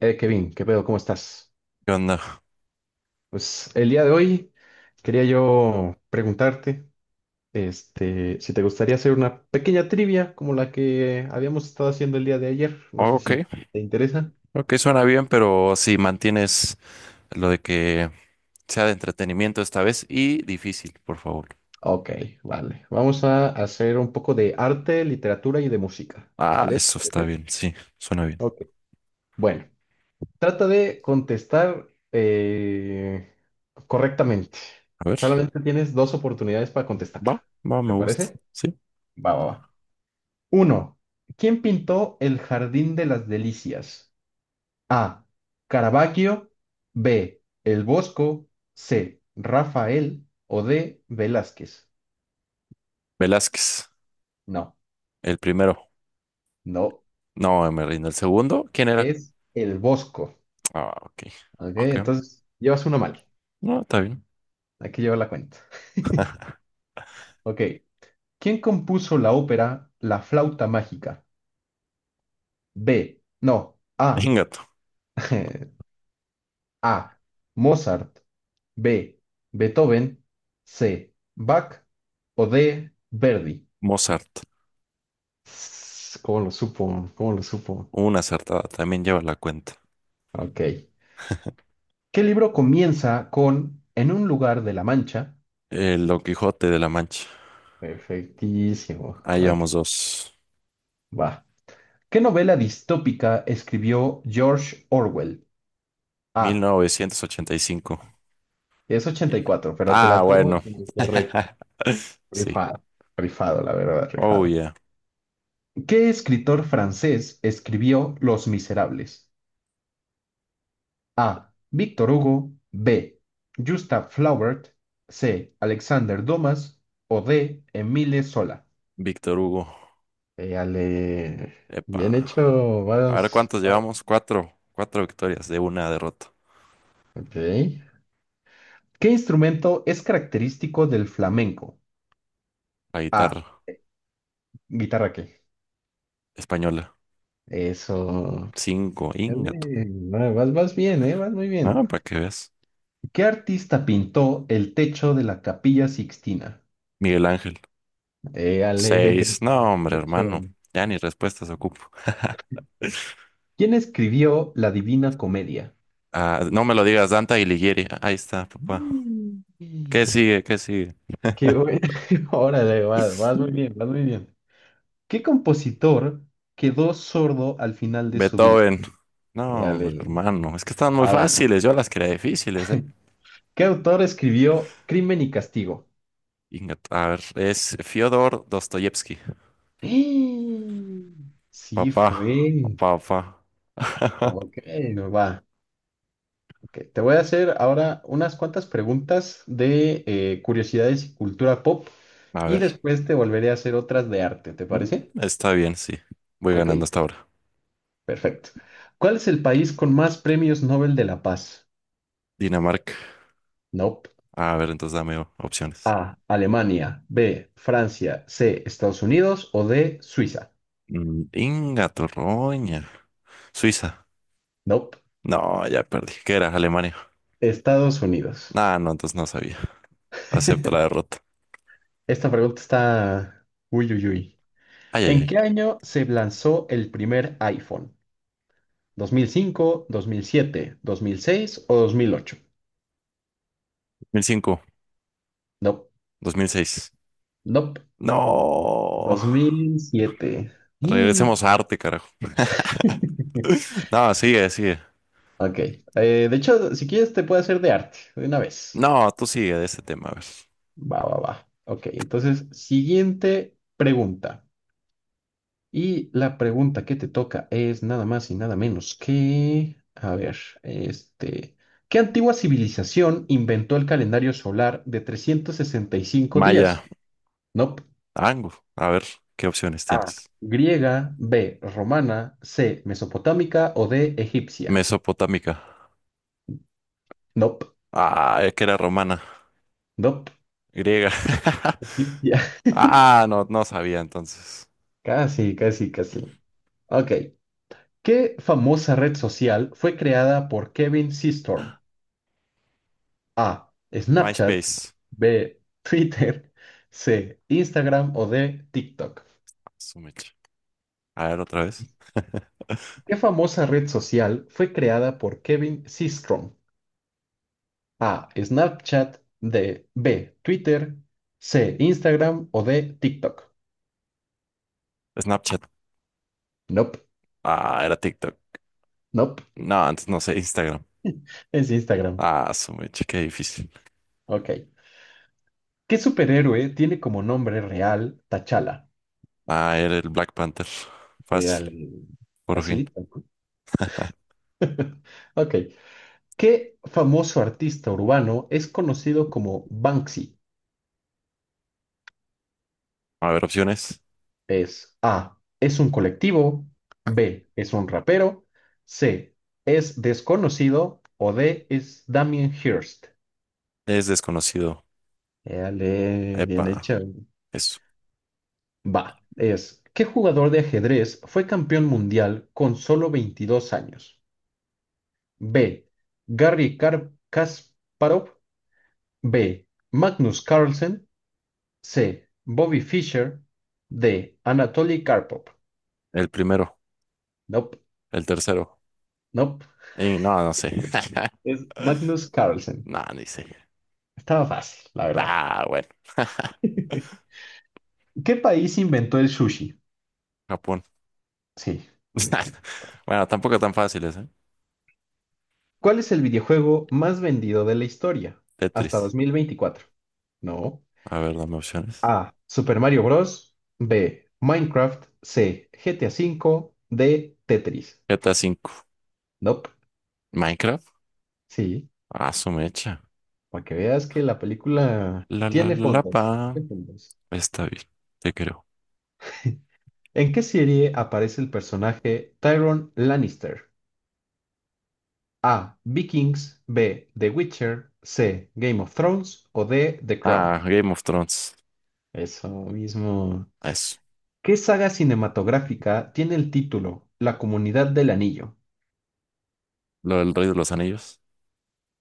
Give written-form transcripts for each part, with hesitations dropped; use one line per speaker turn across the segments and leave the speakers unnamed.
Kevin, ¿qué pedo? ¿Cómo estás?
¿Qué onda?
Pues el día de hoy quería yo preguntarte, si te gustaría hacer una pequeña trivia como la que habíamos estado haciendo el día de ayer. No
Oh,
sé
ok,
si te interesa.
ok, suena bien, pero si mantienes lo de que sea de entretenimiento esta vez y difícil, por favor.
Ok, vale. Vamos a hacer un poco de arte, literatura y de música.
Ah,
¿Sale? ¿Te
eso está
parece?
bien, sí, suena bien.
Ok. Bueno, trata de contestar correctamente.
A ver,
Solamente tienes dos oportunidades para contestar.
va, va,
¿Te
me gusta,
parece?
sí.
Va, va, va. Uno. ¿Quién pintó el Jardín de las Delicias? A. Caravaggio. B. El Bosco. C. Rafael. O D. Velázquez.
Velázquez,
No,
el primero.
no,
No, me rindo. ¿El segundo? ¿Quién era?
es el Bosco.
Ah, ok.
Ok,
Ok.
entonces llevas uno mal.
No, está bien.
Hay que llevar la cuenta. Ok. ¿Quién compuso la ópera La flauta mágica? B. No. A.
Venga tú.
A. Mozart. B. Beethoven. C. Bach. O D. Verdi.
Mozart.
Sss, ¿cómo lo supo? ¿Cómo lo supo?
Una acertada. También lleva la cuenta.
Ok. ¿Qué libro comienza con en un lugar de la Mancha?
El Don Quijote de la Mancha.
Perfectísimo.
Ahí
Ok,
llevamos dos.
va. ¿Qué novela distópica escribió George Orwell? A.
1985.
Es 84, pero te la
Ah,
tomo
bueno.
como correcto.
Sí.
Rifado. Rifado, la verdad,
Oh,
rifado.
yeah.
¿Qué escritor francés escribió Los Miserables? A. Víctor Hugo. B. Gustav Flaubert. C. Alexander Dumas. O D. Emile Sola.
Víctor Hugo.
Éale, bien
Epa.
hecho,
A ver
varios,
cuántos
varios.
llevamos. Cuatro. Cuatro victorias de una derrota.
Ok. ¿Qué instrumento es característico del flamenco?
La
A.
guitarra
Guitarra qué.
española.
Eso.
Cinco. Ingato.
Éale, Vas bien, ¿eh? Vas muy bien.
Ah, para que veas.
¿Qué artista pintó el techo de la Capilla Sixtina?
Miguel Ángel.
Éale,
Seis. No, hombre,
de
hermano.
hecho.
Ya ni respuestas ocupo.
¿Quién escribió La Divina Comedia?
Ah, no me lo digas, Danta Alighieri. Ahí está, papá.
Mm.
¿Qué sigue? ¿Qué sigue?
Qué bueno. Órale, vas, vas muy bien, vas muy bien. ¿Qué compositor quedó sordo al final de su vida?
Beethoven. No,
Ya
hombre,
le-
hermano. Es que están muy
Ahora,
fáciles. Yo las quería difíciles, ¿eh?
¿qué autor escribió Crimen y Castigo?
A ver, es Fyodor Dostoyevsky.
¡Eh! Sí,
Papá,
fue.
papá, papá.
Ok, va. Ok, te voy a hacer ahora unas cuantas preguntas de curiosidades y cultura pop,
A
y
ver.
después te volveré a hacer otras de arte, ¿te
Mm,
parece?
está bien, sí. Voy
Ok,
ganando hasta ahora.
perfecto. ¿Cuál es el país con más premios Nobel de la Paz?
Dinamarca.
Nope.
A ver, entonces dame opciones.
A. Alemania. B. Francia. C. Estados Unidos. O D. Suiza.
Mm, Inga, Torroña. Suiza.
Nope.
No, ya perdí. ¿Qué era? Alemania.
Estados Unidos.
Ah, no, entonces no sabía. Acepto la derrota.
Esta pregunta está... Uy, uy, uy.
Ay, ay,
¿En
ay.
qué año se lanzó el primer iPhone? Dos mil cinco, dos mil siete, dos mil seis o 2008?
2005,
Nope.
2006.
Nope.
No.
2007. Y-
Regresemos a arte, carajo. No, sigue, sigue.
Ok. De hecho, si quieres te puedo hacer de arte de una vez.
No, tú sigue de este tema, a ver.
Va, va, va. Ok, entonces, siguiente pregunta. Y la pregunta que te toca es nada más y nada menos que, a ver, este, ¿qué antigua civilización inventó el calendario solar de 365
Maya,
días? No.
Angu, a ver, ¿qué opciones
A,
tienes?
griega, B, romana, C, mesopotámica o D, egipcia.
Mesopotámica.
Nope,
Ah, es que era romana,
nope,
griega.
egipcia.
Ah, no, no sabía entonces.
Casi, casi, casi. Ok. ¿Qué famosa red social fue creada por Kevin Systrom? A. Snapchat.
MySpace.
B. Twitter. C. Instagram o D. TikTok.
Su mecha. A ver, otra vez.
¿Qué famosa red social fue creada por Kevin Systrom? A. Snapchat. D. B. Twitter. C. Instagram o D. TikTok.
Snapchat.
Nope,
Ah, era TikTok.
nope.
No, antes no sé, Instagram.
Es Instagram.
Ah, su mecha, qué difícil.
Ok. ¿Qué superhéroe tiene como nombre real T'Challa?
Ah, era el Black Panther. Fácil,
Real.
por fin.
Facilita, ¿no? Ok. ¿Qué famoso artista urbano es conocido como Banksy?
A ver, opciones.
Es A, es un colectivo, B, es un rapero, C, es desconocido o D, es Damien Hirst.
Es desconocido.
Dale, bien
Epa,
hecha.
eso.
Va, es, ¿qué jugador de ajedrez fue campeón mundial con solo 22 años? B, Garry Kasparov, B, Magnus Carlsen, C, Bobby Fischer, D, Anatoly Karpov.
El primero,
Nope,
el tercero.
nope,
Y no, no sé.
es Magnus Carlsen.
No, ni sé.
Estaba fácil, la verdad.
Ah, bueno.
¿Qué país inventó el sushi?
Japón.
Sí.
Bueno, tampoco tan fáciles, ¿eh?
¿Cuál es el videojuego más vendido de la historia hasta
Tetris.
2024? No.
A ver, dame opciones.
A. Super Mario Bros. B. Minecraft. C. GTA V. D. Tetris.
GTA 5,
Nope.
Minecraft.
Sí.
Ah, su mecha.
Para que veas que la película
La la
tiene
la la pa.
fondos. Tiene fondos.
Está bien, te creo.
¿En qué serie aparece el personaje Tyrion Lannister? A. Vikings. B. The Witcher. C. Game of Thrones. O D. The Crown.
Ah, Game of Thrones.
Eso mismo.
Eso.
¿Qué saga cinematográfica tiene el título La Comunidad del Anillo?
Lo del Rey de los Anillos.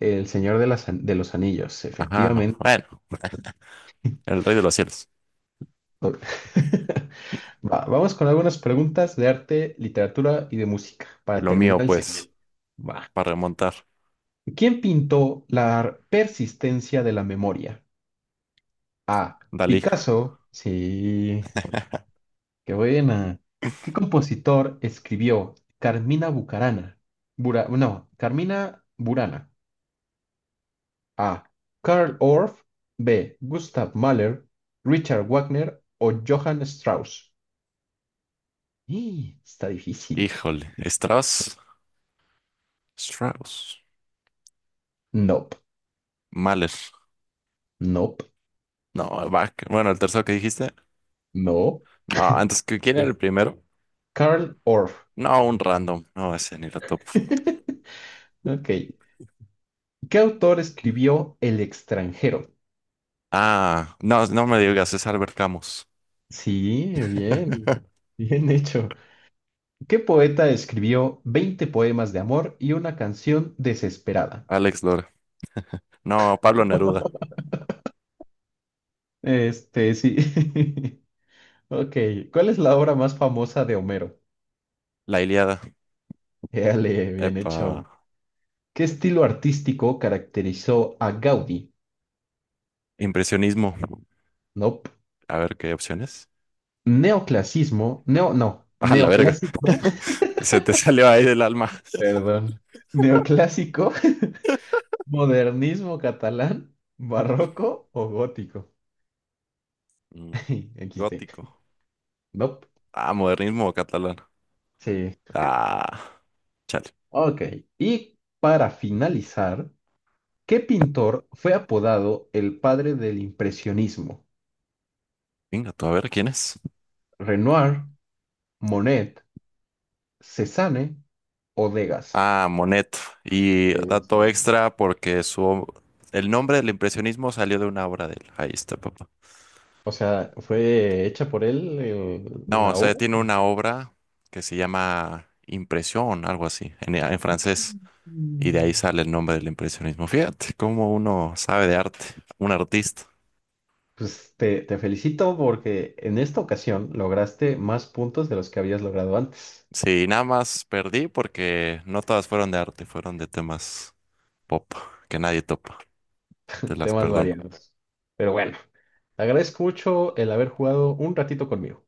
El Señor de, de los Anillos,
Ajá,
efectivamente.
bueno, el Rey de los Cielos.
Va, vamos con algunas preguntas de arte, literatura y de música para
Lo
terminar
mío,
el
pues,
segmento. Va.
para remontar.
¿Quién pintó la persistencia de la memoria? A.
Dalí.
Picasso. Sí. Qué buena. ¿Qué compositor escribió Carmina Bucarana? Bura- no, Carmina Burana. A. Karl Orff. B. Gustav Mahler. Richard Wagner o Johann Strauss. Y está difícil.
Híjole. Strauss. Strauss.
Nope,
Mahler.
nope,
No, Bach. Bueno, el tercero que dijiste.
no.
No, antes que quién era el
Es
primero.
Karl Orff.
No, un random. No, ese ni la top.
Ok. ¿Qué autor escribió El extranjero?
Ah, no, no me digas, es Albert Camus.
Sí, bien. Bien hecho. ¿Qué poeta escribió 20 poemas de amor y una canción desesperada?
Alex Lora. No, Pablo Neruda.
Sí. Ok. ¿Cuál es la obra más famosa de Homero?
La Ilíada.
Dale, bien
Epa.
hecho. ¿Qué estilo artístico caracterizó a Gaudí?
Impresionismo.
Nope.
A ver qué opciones.
Neoclasismo. Neo, no.
Ah, la verga.
Neoclásico.
Se te salió ahí del alma.
Perdón. Neoclásico. Modernismo catalán. Barroco o gótico.
Mm,
XD.
gótico.
Nope.
Ah, modernismo catalán.
Sí.
Ah, chale.
Ok. Y para finalizar. ¿Qué pintor fue apodado el padre del impresionismo?
Venga, tú a ver quién es.
¿Renoir, Monet, Cézanne o Degas?
Ah, Monet. Y dato
Eso.
extra porque su el nombre del impresionismo salió de una obra de él. Ahí está, papá.
O sea, ¿fue hecha por él
No, o
la
sea,
obra?
tiene una obra que se llama Impresión, algo así, en francés. Y de ahí
Mm.
sale el nombre del impresionismo. Fíjate cómo uno sabe de arte, un artista.
Pues te felicito porque en esta ocasión lograste más puntos de los que habías logrado antes.
Sí, nada más perdí porque no todas fueron de arte, fueron de temas pop que nadie topa. Te las
Temas
perdono.
variados. Pero bueno, te agradezco mucho el haber jugado un ratito conmigo.